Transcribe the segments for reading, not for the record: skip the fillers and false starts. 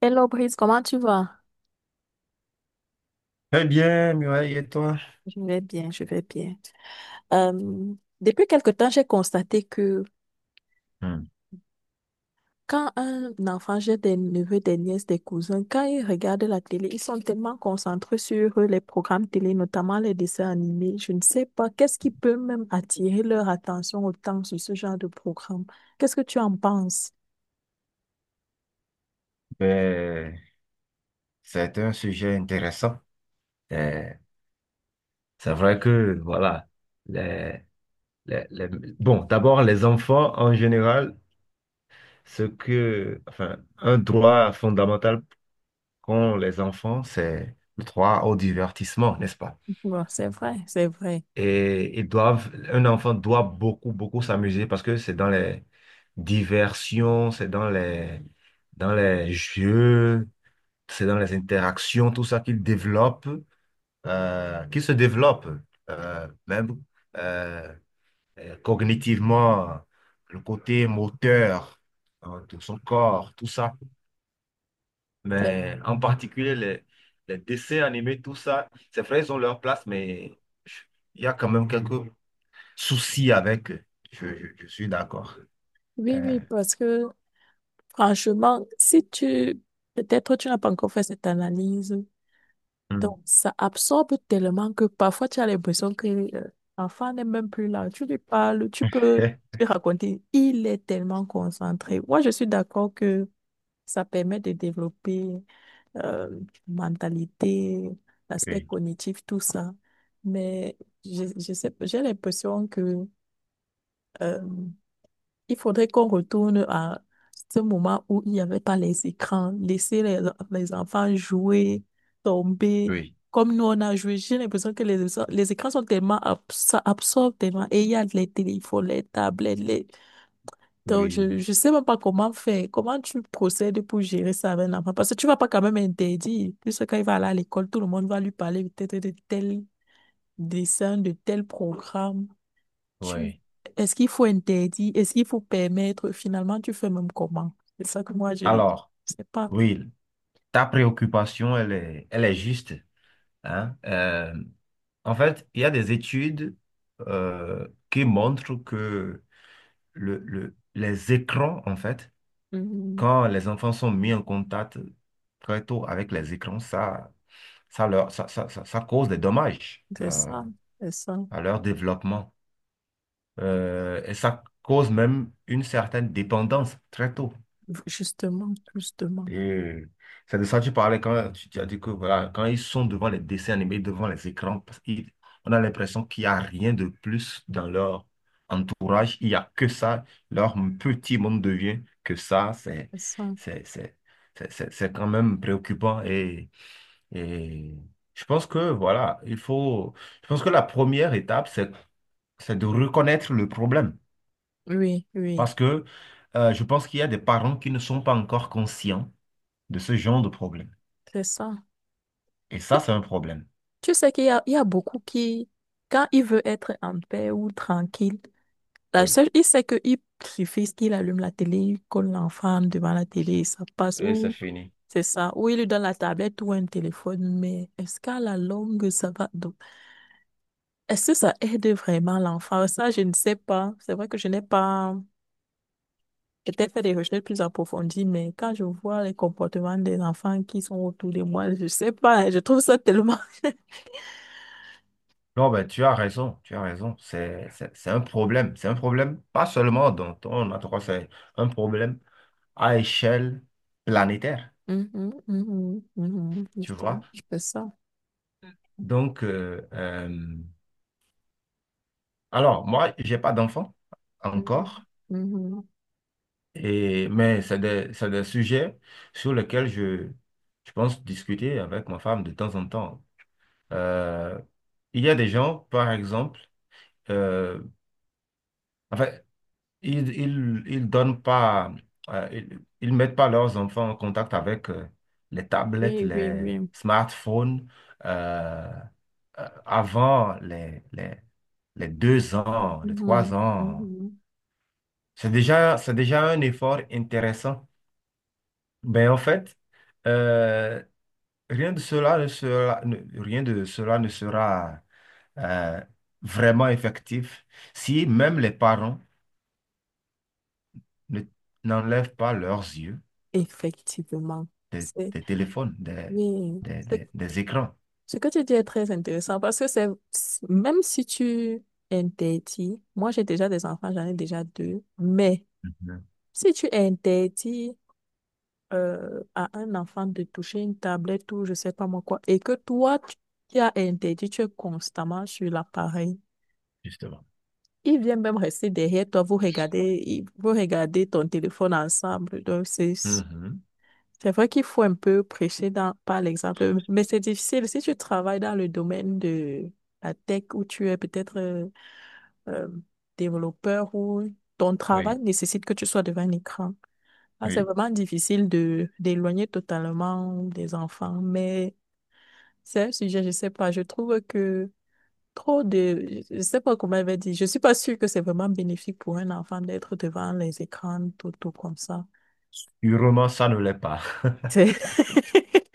Hello Brice, comment tu vas? Très bien, Muraille, et toi? Je vais bien, je vais bien. Euh, Depuis quelque temps, j'ai constaté que Hmm. quand un enfant, j'ai des neveux, des nièces, des cousins, quand ils regardent la télé, ils sont tellement concentrés sur les programmes télé, notamment les dessins animés. Je ne sais pas, qu'est-ce qui peut même attirer leur attention autant sur ce genre de programme? Qu'est-ce que tu en penses? Ben, c'est un sujet intéressant. Euh, c'est vrai que, voilà, les, les- les- bon, d'abord, les enfants en général, ce que, enfin, un droit fondamental qu'ont les enfants, c'est le droit au divertissement, n'est-ce pas? Ouais, c'est vrai, c'est vrai. Et ils doivent, un enfant doit beaucoup, beaucoup s'amuser parce que c'est dans les diversions, c'est dans les jeux, c'est dans les interactions, tout ça qu'il développe, qu'il se développe, même euh, cognitivement, le côté moteur, hein, de son corps, tout ça. C'est- Mais en particulier, les dessins animés, tout ça, c'est vrai, ils ont leur place, mais je- il y a quand même quelques soucis avec eux. Je suis d'accord. Oui, Euh, oui, parce que franchement, si tu... Peut-être tu n'as pas encore fait cette analyse. Hmm. Donc, ça absorbe tellement que parfois tu as l'impression que euh, l'enfant n'est même plus là. Tu lui parles, tu peux lui raconter. Il est tellement concentré. Moi, je suis d'accord que ça permet de développer, euh, mentalité, l'aspect Oui, cognitif, tout ça. Mais je sais, pas, j'ai l'impression que euh, il faudrait qu'on retourne à ce moment où il n'y avait pas les écrans, laisser les enfants jouer, tomber, oui, comme nous on a joué. J'ai l'impression que les écrans sont tellement, ça absorbe tellement. Et il y a les téléphones, les tablettes, Donc, je oui, ne sais même pas comment faire. Comment tu procèdes pour gérer ça avec l'enfant? Parce que tu ne vas pas quand même interdire. Puisque quand il va aller à l'école, tout le monde va lui parler peut-être de tel dessin, de tel programme. Tu... oui. Est-ce qu'il faut interdire? Est-ce qu'il faut permettre? Finalement, tu fais même comment? C'est ça que moi, je ne Alors, sais pas. oui, ta préoccupation, elle est juste, hein. En fait, il y a des études qui montrent que les écrans, en fait, Mhm. quand les enfants sont mis en contact très tôt avec les écrans, ça, leur, ça- ça cause des dommages, C'est ça, c'est ça. à leur développement. Et ça cause même une certaine dépendance très tôt. Justement, justement, Et c'est de ça que tu parlais quand tu as dit que voilà, quand ils sont devant les dessins animés, devant les écrans, on a l'impression qu'il n'y a rien de plus dans leur entourage. Il n'y a que ça. Leur petit monde devient que ça. C'est ça. c'est, c'est, c'est quand même préoccupant. Et je pense que voilà, il faut. Je pense que la première étape, c'est de reconnaître le problème. Oui, oui, Parce que je pense qu'il y a des parents qui ne sont pas encore conscients de ce genre de problème. c'est ça. Et Tu, ça, c'est un problème. tu sais qu'il y a, il y a beaucoup qui, quand il veut être en paix ou tranquille, la Oui. seule, il sait qu'il suffit qu'il allume la télé, il colle l'enfant devant la télé, ça passe. Et c'est Ou fini. c'est ça. Ou il lui donne la tablette ou un téléphone, mais est-ce qu'à la longue, ça va? Donc, est-ce que ça aide vraiment l'enfant? Ça, je ne sais pas. C'est vrai que je n'ai pas peut-être fait des recherches plus approfondies, mais quand je vois les comportements des enfants qui sont autour de moi, je ne sais pas. Je trouve ça tellement... Non, ben, tu as raison, tu as raison. C'est un problème. C'est un problème, pas seulement dans ton endroit, c'est un problème à échelle planétaire, Mhm, mhm, mhm, tu justement, vois. je fais ça. Donc, euh, euh, alors, moi, j'ai pas d'enfant Mhm, encore, mhm. et mais c'est des sujets sur lesquels je pense discuter avec ma femme de temps en temps. Euh, il y a des gens, par exemple, euh, enfin, ils donnent pas, ils mettent pas leurs enfants en contact avec les tablettes, Oui, oui, les oui. smartphones. euh, Avant les deux ans, les trois Mhm, ans. mhm. C'est déjà un effort intéressant. Mais en fait, euh, rien de cela ne sera, rien de cela ne sera euh, vraiment effectif si même les parents ne, n'enlèvent pas leurs yeux Effectivement. C'est des téléphones, oui. C'est. Des écrans. Ce que tu dis est très intéressant parce que c'est, même si tu interdis, moi j'ai déjà des enfants, j'en ai déjà deux, mais Mhm. si tu interdis, à un enfant de toucher une tablette ou je sais pas moi quoi, et que toi tu, qui as interdit, tu es constamment sur l'appareil, Justement. il vient même rester derrière toi, vous regardez, vous regardez ton téléphone ensemble, donc c'est, Mhm. C'est vrai qu'il faut un peu prêcher dans, par l'exemple, mais c'est difficile. Si tu travailles dans le domaine de la tech où tu es peut-être euh, développeur ou ton travail Oui, nécessite que tu sois devant un écran, ah, c'est oui. vraiment difficile de d'éloigner totalement des enfants. Mais c'est un sujet, je sais pas, je trouve que trop de, je sais pas comment elle va dire, je suis pas sûre que c'est vraiment bénéfique pour un enfant d'être devant les écrans tout, tout comme ça. Sûrement, ça ne l'est pas. C'est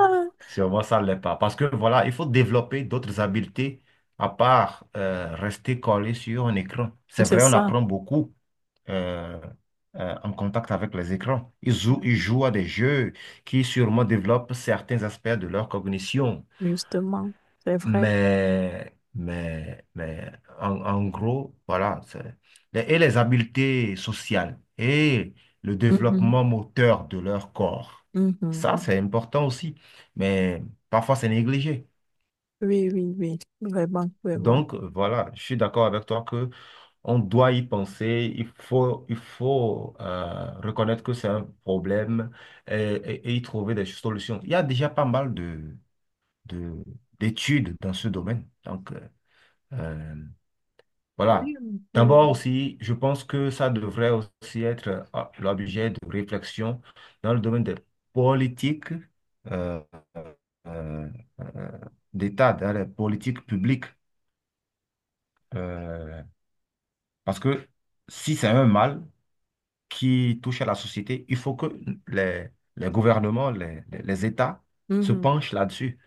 ah, Sûrement, ça ne l'est pas. Parce que voilà, il faut développer d'autres habiletés à part rester collé sur un écran. C'est c'est vrai, on ça. apprend beaucoup euh, en contact avec les écrans. Ils jouent à des jeux qui sûrement développent certains aspects de leur cognition. Justement, c'est vrai. Mais en, en gros, voilà. Et les habiletés sociales et le Mhm, développement moteur de leur corps. mhm, Ça, mhm. c'est important aussi. Mais parfois, c'est négligé. Oui, oui, oui, vraiment, vraiment. Donc, voilà, je suis d'accord avec toi que on doit y penser. Il faut reconnaître que c'est un problème et, et y trouver des solutions. Il y a déjà pas mal de, de- d'études dans ce domaine. Euh, Oui, Voilà. oui. D'abord aussi, je pense que ça devrait aussi être l'objet de réflexion dans le domaine des politiques euh, euh, euh, d'État, dans les politiques publiques. Euh, parce que si c'est un mal qui touche à la société, il faut que les, les gouvernements, les États se Mhm. penchent là-dessus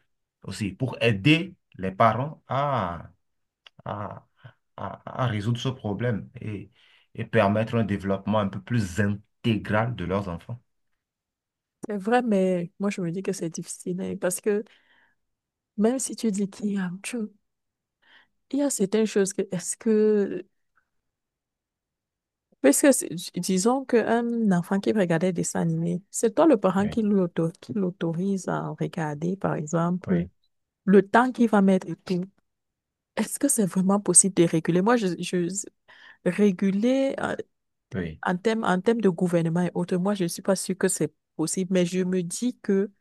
aussi pour aider les parents à, à résoudre ce problème et permettre un développement un peu plus intégral de leurs enfants. C'est vrai, mais moi je me dis que c'est difficile hein, parce que même si tu dis qu'il y a, il y a certaines choses que est-ce que parce que disons qu'un enfant qui regardait des dessins animés, c'est toi le parent Oui, qui lui qui l'autorise à regarder, par exemple, oui, le temps qu'il va mettre et tout. Est-ce que c'est vraiment possible de réguler? Moi, je réguler oui. en termes en termes de gouvernement et autres, moi, je ne suis pas sûre que c'est possible, mais je me dis que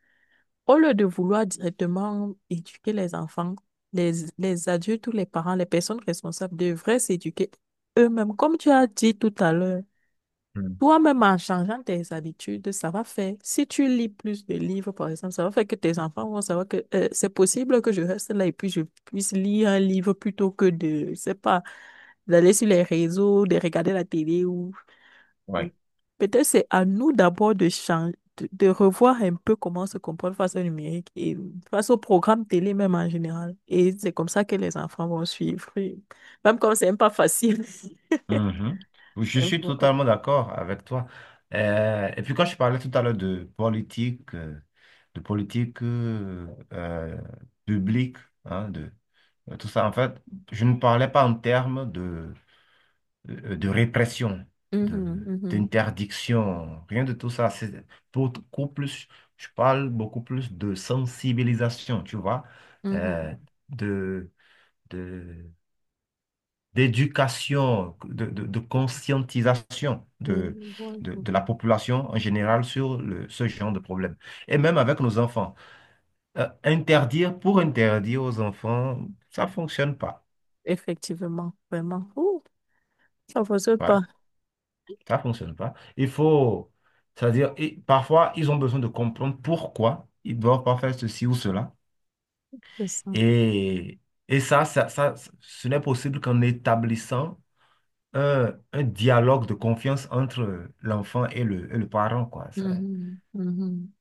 au lieu de vouloir directement éduquer les enfants, les, les adultes ou les parents, les personnes responsables devraient s'éduquer eux-mêmes. Comme tu as dit tout à l'heure, Mm. toi-même, en changeant tes habitudes, ça va faire, si tu lis plus de livres, par exemple, ça va faire que tes enfants vont savoir que c'est possible que je reste là et puis je puisse lire un livre plutôt que de, je sais pas, d'aller sur les réseaux, de regarder la télé ou mm. Oui. Peut-être c'est à nous d'abord de changer, de revoir un peu comment on se comporte face au numérique et face au programme télé même en général. Et c'est comme ça que les enfants vont suivre. Et même quand c'est même pas facile. Mhm. Oui, je suis totalement d'accord avec toi. Et puis quand je parlais tout à l'heure de politique, de politique euh, publique, hein, de tout ça, en fait, je ne parlais pas en termes de répression, de, Mhm, mhm, d'interdiction, rien de tout ça. C'est beaucoup plus, je parle beaucoup plus de sensibilisation, tu vois, mhm. euh, de, de d'éducation, de conscientisation Mais je vois, je vois. de la population en général sur ce genre de problème. Et même avec nos enfants. Interdire pour interdire aux enfants, ça ne fonctionne pas. Effectivement, vraiment. Ouh, ça ne fonctionne Ouais, pas. ça ne fonctionne pas. Il faut, c'est-à-dire, et parfois, ils ont besoin de comprendre pourquoi ils ne doivent pas faire ceci ou cela. C'est ça. Et, et ça, ça, ce n'est possible qu'en établissant un dialogue de confiance entre l'enfant et et le parent, quoi. Ça- Mhm, mhm.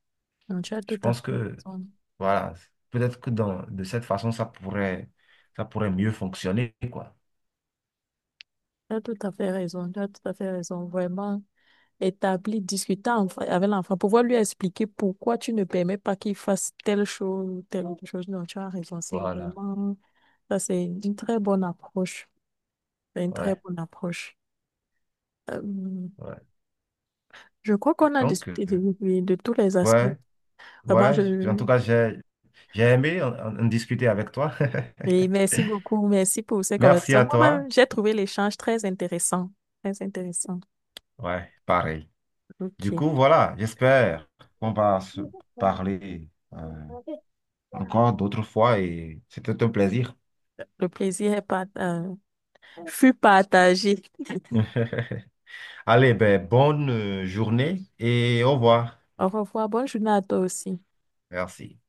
Non, tu as Je tout à pense fait que, raison. voilà, peut-être que dans, de cette façon, ça pourrait mieux fonctionner, quoi. Tu as tout à fait raison. Tu as tout à fait raison. Vraiment. Établi, discuter avec l'enfant, pouvoir lui expliquer pourquoi tu ne permets pas qu'il fasse telle chose ou telle autre chose. Non, tu as raison, c'est Voilà, vraiment, ça c'est une très bonne approche. C'est une très ouais, bonne approche. Euh, ouais. je crois qu'on a Donc, euh, discuté de, de tous les aspects. ouais, Vraiment, ouais, en je, tout cas, j'ai aimé en discuter avec toi. et merci beaucoup, merci pour ces Merci conversations. à toi. Moi-même, j'ai trouvé l'échange très intéressant. Très intéressant. Ouais, pareil. Du OK. coup, voilà, j'espère qu'on va se parler encore d'autres fois et c'était un plaisir. Le plaisir est fut partagé. Allez, ben, bonne journée et au revoir. Au revoir. Bonne journée à toi aussi. Merci.